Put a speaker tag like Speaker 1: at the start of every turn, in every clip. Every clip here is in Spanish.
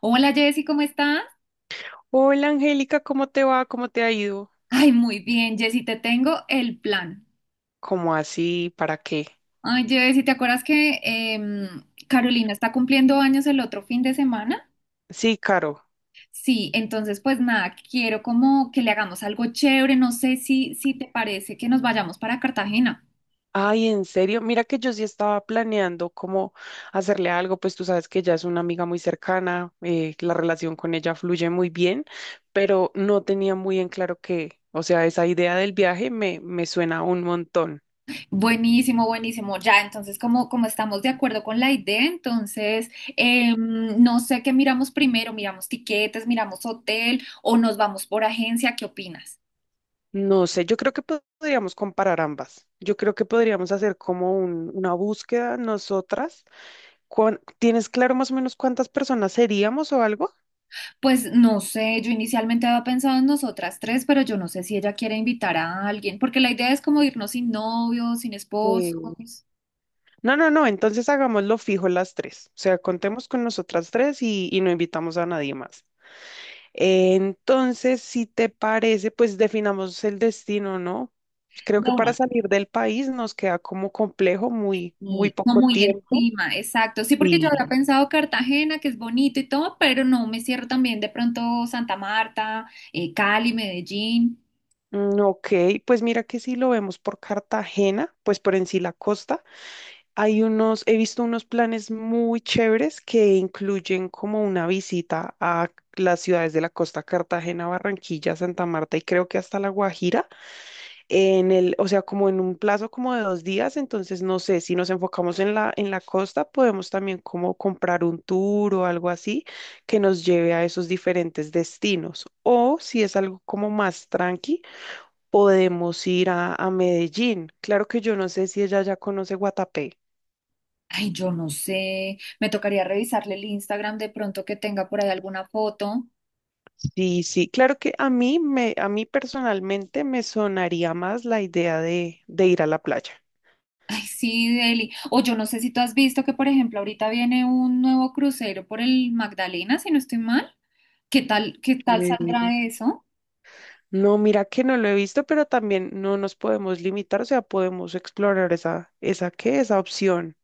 Speaker 1: Hola Jessy, ¿cómo estás?
Speaker 2: Hola Angélica, ¿cómo te va? ¿Cómo te ha ido?
Speaker 1: Ay, muy bien, Jessy, te tengo el plan.
Speaker 2: ¿Cómo así? ¿Para qué?
Speaker 1: Ay, Jessy, ¿te acuerdas que Carolina está cumpliendo años el otro fin de semana?
Speaker 2: Sí, Caro.
Speaker 1: Sí, entonces pues nada, quiero como que le hagamos algo chévere, no sé si te parece que nos vayamos para Cartagena.
Speaker 2: Ay, en serio, mira que yo sí estaba planeando cómo hacerle algo, pues tú sabes que ella es una amiga muy cercana, la relación con ella fluye muy bien, pero no tenía muy en claro qué, o sea, esa idea del viaje me suena un montón.
Speaker 1: Buenísimo, buenísimo, ya, entonces como estamos de acuerdo con la idea, entonces no sé qué miramos primero, miramos tiquetes, miramos hotel o nos vamos por agencia, ¿qué opinas?
Speaker 2: No sé, yo creo que podríamos comparar ambas. Yo creo que podríamos hacer como una búsqueda nosotras. ¿Tienes claro más o menos cuántas personas seríamos o algo?
Speaker 1: Pues no sé, yo inicialmente había pensado en nosotras tres, pero yo no sé si ella quiere invitar a alguien, porque la idea es como irnos sin novios, sin esposos,
Speaker 2: Sí. No, no, no, entonces hagámoslo fijo las 3. O sea, contemos con nosotras 3 y no invitamos a nadie más. Entonces, si te parece, pues definamos el destino, ¿no? Creo
Speaker 1: de
Speaker 2: que para
Speaker 1: una,
Speaker 2: salir del país nos queda como complejo, muy, muy
Speaker 1: y no
Speaker 2: poco
Speaker 1: muy
Speaker 2: tiempo.
Speaker 1: encima, exacto. Sí, porque yo había
Speaker 2: Sí.
Speaker 1: pensado Cartagena, que es bonito y todo, pero no me cierro también de pronto Santa Marta, Cali, Medellín.
Speaker 2: Mm, ok, pues mira que si lo vemos por Cartagena, pues por en sí la costa. Hay unos, he visto unos planes muy chéveres que incluyen como una visita a las ciudades de la costa, Cartagena, Barranquilla, Santa Marta y creo que hasta La Guajira, o sea, como en un plazo como de 2 días. Entonces, no sé, si nos enfocamos en en la costa, podemos también como comprar un tour o algo así que nos lleve a esos diferentes destinos. O si es algo como más tranqui, podemos ir a Medellín. Claro que yo no sé si ella ya conoce Guatapé.
Speaker 1: Ay, yo no sé, me tocaría revisarle el Instagram de pronto que tenga por ahí alguna foto.
Speaker 2: Sí, sí, claro que a mí personalmente me sonaría más la idea de ir a la playa.
Speaker 1: Ay, sí, Eli. O yo no sé si tú has visto que, por ejemplo, ahorita viene un nuevo crucero por el Magdalena, si no estoy mal. Qué tal saldrá
Speaker 2: Eh,
Speaker 1: eso?
Speaker 2: no, mira que no lo he visto, pero también no nos podemos limitar, o sea, podemos explorar esa qué, esa opción.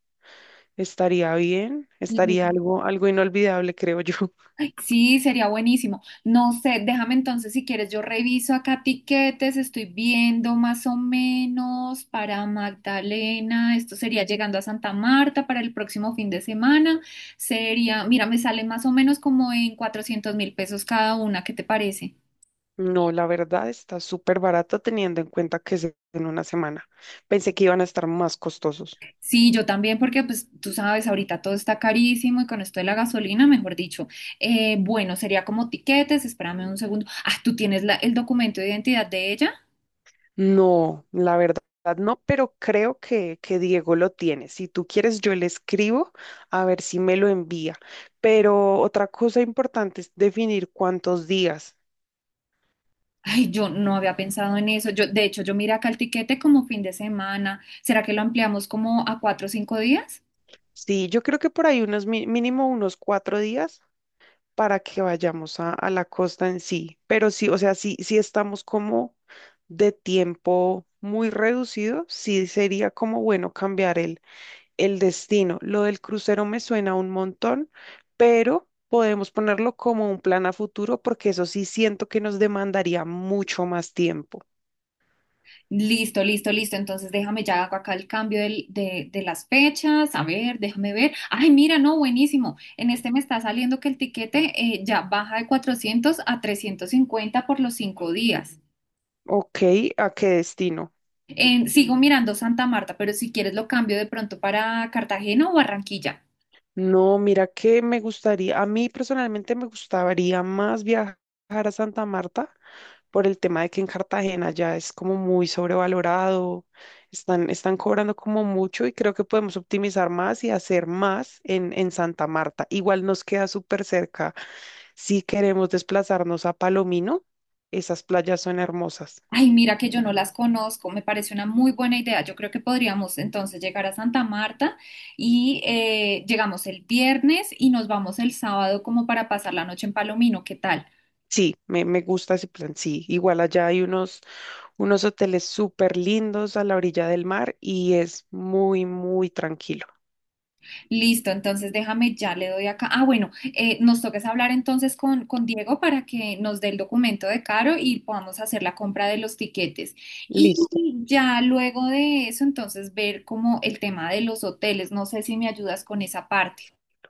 Speaker 2: Estaría bien, estaría
Speaker 1: Y-
Speaker 2: algo, algo inolvidable, creo yo.
Speaker 1: ay, sí, sería buenísimo. No sé, déjame entonces si quieres, yo reviso acá tiquetes, estoy viendo más o menos para Magdalena, esto sería llegando a Santa Marta para el próximo fin de semana, sería, mira, me sale más o menos como en 400 mil pesos cada una, ¿qué te parece?
Speaker 2: No, la verdad está súper barato teniendo en cuenta que es en una semana. Pensé que iban a estar más costosos.
Speaker 1: Sí, yo también, porque pues tú sabes, ahorita todo está carísimo y con esto de la gasolina, mejor dicho, bueno, sería como tiquetes, espérame un segundo. Ah, ¿tú tienes el documento de identidad de ella?
Speaker 2: No, la verdad no, pero creo que Diego lo tiene. Si tú quieres, yo le escribo a ver si me lo envía. Pero otra cosa importante es definir cuántos días.
Speaker 1: Ay, yo no había pensado en eso. Yo, de hecho, yo miré acá el tiquete como fin de semana. ¿Será que lo ampliamos como a 4 o 5 días?
Speaker 2: Sí, yo creo que por ahí unos mínimo unos 4 días para que vayamos a la costa en sí. Pero sí, o sea, sí, sí estamos como de tiempo muy reducido, sí sería como bueno cambiar el destino. Lo del crucero me suena un montón, pero podemos ponerlo como un plan a futuro porque eso sí siento que nos demandaría mucho más tiempo.
Speaker 1: Listo, listo, listo. Entonces déjame ya hago acá el cambio de las fechas. A ver, déjame ver. Ay, mira, no, buenísimo. En este me está saliendo que el tiquete ya baja de 400 a 350 por los 5 días.
Speaker 2: Ok, ¿a qué destino?
Speaker 1: Sigo mirando Santa Marta, pero si quieres lo cambio de pronto para Cartagena o Barranquilla.
Speaker 2: No, mira que me gustaría, a mí personalmente me gustaría más viajar a Santa Marta por el tema de que en Cartagena ya es como muy sobrevalorado, están, están cobrando como mucho y creo que podemos optimizar más y hacer más en Santa Marta. Igual nos queda súper cerca. Si queremos desplazarnos a Palomino, esas playas son hermosas.
Speaker 1: Ay, mira que yo no las conozco. Me parece una muy buena idea. Yo creo que podríamos entonces llegar a Santa Marta y llegamos el viernes y nos vamos el sábado como para pasar la noche en Palomino. ¿Qué tal?
Speaker 2: Sí, me gusta ese plan. Sí, igual allá hay unos, unos hoteles súper lindos a la orilla del mar y es muy, muy tranquilo.
Speaker 1: Listo, entonces déjame, ya le doy acá. Ah, bueno, nos toques hablar entonces con Diego para que nos dé el documento de Caro y podamos hacer la compra de los tiquetes. Y
Speaker 2: Listo.
Speaker 1: ya luego de eso, entonces ver como el tema de los hoteles. No sé si me ayudas con esa parte.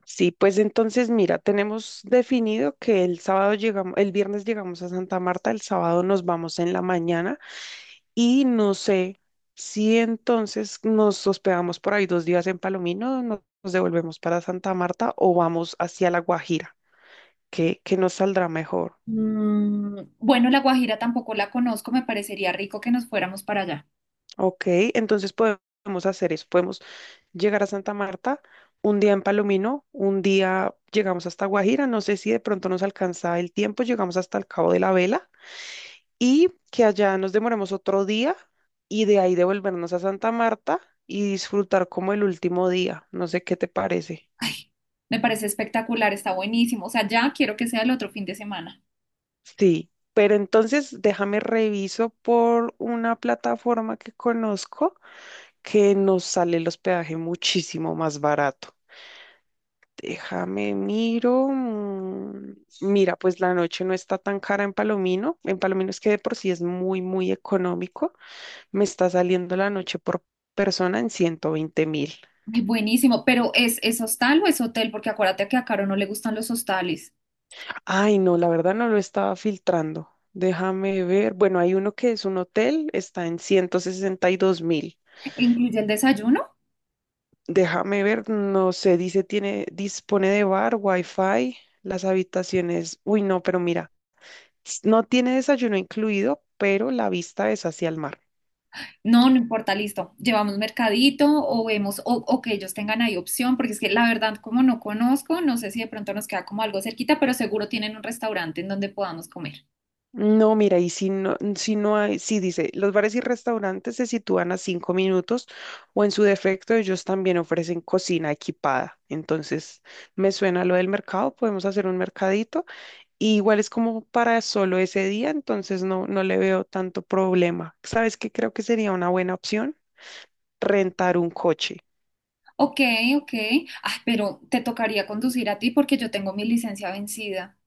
Speaker 2: Sí, pues entonces mira, tenemos definido que el sábado llegamos, el viernes llegamos a Santa Marta, el sábado nos vamos en la mañana. Y no sé si entonces nos hospedamos por ahí 2 días en Palomino, nos devolvemos para Santa Marta o vamos hacia La Guajira, que nos saldrá mejor.
Speaker 1: Bueno, La Guajira tampoco la conozco, me parecería rico que nos fuéramos para allá.
Speaker 2: Ok, entonces podemos hacer eso. Podemos llegar a Santa Marta, un día en Palomino, un día llegamos hasta Guajira. No sé si de pronto nos alcanza el tiempo, llegamos hasta el Cabo de la Vela y que allá nos demoremos otro día y de ahí devolvernos a Santa Marta y disfrutar como el último día. No sé qué te parece.
Speaker 1: Me parece espectacular, está buenísimo. O sea, ya quiero que sea el otro fin de semana.
Speaker 2: Sí, pero entonces déjame reviso por una plataforma que conozco que nos sale el hospedaje muchísimo más barato. Déjame miro. Mira, pues la noche no está tan cara en Palomino. En Palomino es que de por sí es muy, muy económico. Me está saliendo la noche por persona en 120.000.
Speaker 1: Ay, buenísimo, pero ¿es hostal o es hotel? Porque acuérdate que a Caro no le gustan los hostales.
Speaker 2: Ay, no, la verdad no lo estaba filtrando. Déjame ver. Bueno, hay uno que es un hotel, está en 162.000.
Speaker 1: Incluye el desayuno.
Speaker 2: Déjame ver, no sé, dice tiene, dispone de bar, wifi, las habitaciones. Uy, no, pero mira, no tiene desayuno incluido, pero la vista es hacia el mar.
Speaker 1: No, no importa, listo. Llevamos mercadito o vemos o que ellos tengan ahí opción, porque es que la verdad, como no conozco, no sé si de pronto nos queda como algo cerquita, pero seguro tienen un restaurante en donde podamos comer.
Speaker 2: No, mira, y si no, si no hay, sí dice, los bares y restaurantes se sitúan a 5 minutos o en su defecto ellos también ofrecen cocina equipada. Entonces, me suena lo del mercado, podemos hacer un mercadito. Y igual es como para solo ese día, entonces no, no le veo tanto problema. ¿Sabes qué creo que sería una buena opción? Rentar un coche.
Speaker 1: Ok, ok. Ah, pero te tocaría conducir a ti porque yo tengo mi licencia vencida.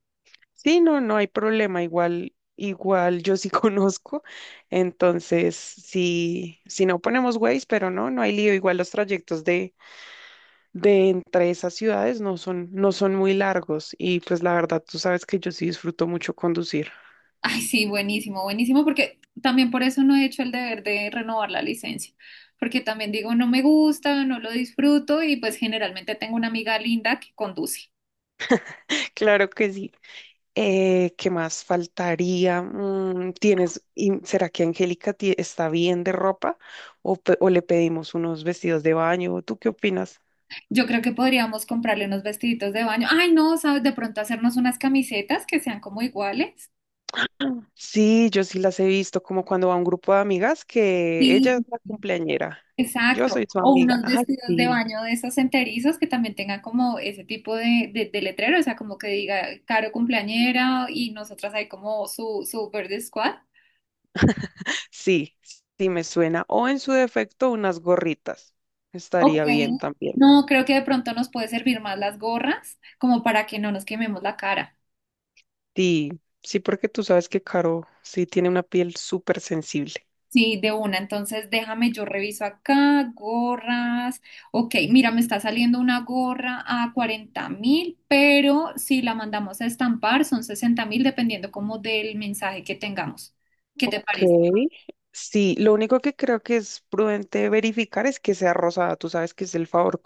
Speaker 2: Sí, no, no hay problema, igual, igual yo sí conozco, entonces sí si no ponemos Waze, pero no, no hay lío, igual los trayectos de entre esas ciudades no son, no son muy largos y pues la verdad tú sabes que yo sí disfruto mucho conducir.
Speaker 1: Ay, sí, buenísimo, buenísimo, porque también por eso no he hecho el deber de renovar la licencia, porque también digo, no me gusta, no lo disfruto y pues generalmente tengo una amiga linda que conduce.
Speaker 2: Claro que sí. ¿Qué más faltaría? Mm, ¿tienes, y será que Angélica está bien de ropa o, o le pedimos unos vestidos de baño? ¿Tú qué opinas?
Speaker 1: Yo creo que podríamos comprarle unos vestiditos de baño. Ay, no, sabes, de pronto hacernos unas camisetas que sean como iguales.
Speaker 2: Sí, yo sí las he visto como cuando va un grupo de amigas que
Speaker 1: Sí,
Speaker 2: ella es la cumpleañera. Yo
Speaker 1: exacto.
Speaker 2: soy su
Speaker 1: O
Speaker 2: amiga.
Speaker 1: unos
Speaker 2: Ay,
Speaker 1: vestidos de
Speaker 2: sí,
Speaker 1: baño de esos enterizos que también tengan como ese tipo de letrero, o sea, como que diga Caro cumpleañera y nosotras ahí como su verde squad.
Speaker 2: sí, sí me suena. O en su defecto unas gorritas.
Speaker 1: Ok.
Speaker 2: Estaría bien también.
Speaker 1: No, creo que de pronto nos puede servir más las gorras, como para que no nos quememos la cara.
Speaker 2: Sí, sí, porque tú sabes que Caro sí tiene una piel súper sensible.
Speaker 1: Sí, de una. Entonces, déjame, yo reviso acá, gorras. Ok, mira, me está saliendo una gorra a 40.000, pero si la mandamos a estampar son 60.000, dependiendo como del mensaje que tengamos. ¿Qué te
Speaker 2: Ok.
Speaker 1: parece?
Speaker 2: Sí, lo único que creo que es prudente verificar es que sea rosada. Tú sabes que es el favor,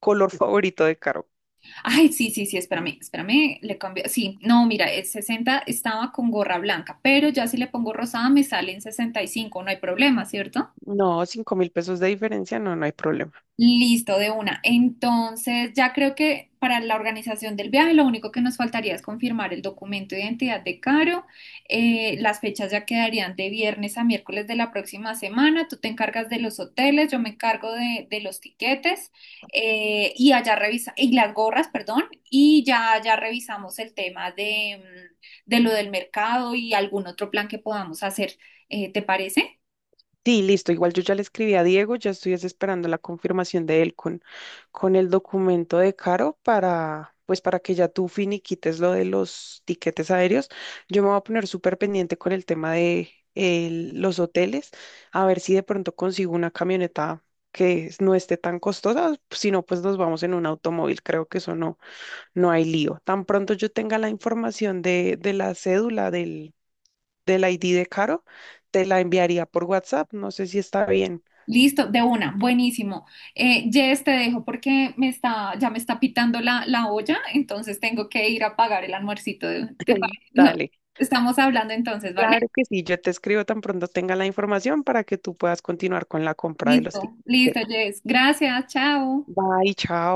Speaker 2: color favorito de Caro.
Speaker 1: Ay, sí, sí, sí, espérame, espérame, le cambio. Sí, no, mira, el sesenta, estaba con gorra blanca, pero ya si le pongo rosada me salen 65. No hay problema, ¿cierto?
Speaker 2: No, $5.000 de diferencia, no, no hay problema.
Speaker 1: Listo, de una. Entonces, ya creo que para la organización del viaje lo único que nos faltaría es confirmar el documento de identidad de Caro. Las fechas ya quedarían de viernes a miércoles de la próxima semana. Tú te encargas de los hoteles, yo me encargo de los tiquetes y allá revisa y las gorras, perdón, y ya revisamos el tema de lo del mercado y algún otro plan que podamos hacer. ¿Te parece?
Speaker 2: Sí, listo. Igual yo ya le escribí a Diego, ya estoy es esperando la confirmación de él con el documento de Caro para, pues para que ya tú finiquites lo de los tiquetes aéreos. Yo me voy a poner súper pendiente con el tema de los hoteles, a ver si de pronto consigo una camioneta que no esté tan costosa, si no, pues nos vamos en un automóvil. Creo que eso no, no hay lío. Tan pronto yo tenga la información de la cédula del ID de Caro, te la enviaría por WhatsApp. No sé si está bien.
Speaker 1: Listo, de una, buenísimo. Jess, te dejo porque ya me está pitando la olla, entonces tengo que ir a pagar el almuercito.
Speaker 2: Dale.
Speaker 1: Estamos hablando entonces, ¿vale?
Speaker 2: Claro que sí, yo te escribo tan pronto tenga la información para que tú puedas continuar con la compra de los
Speaker 1: Listo,
Speaker 2: tickets.
Speaker 1: listo, Jess. Gracias, chao.
Speaker 2: Bye, chao.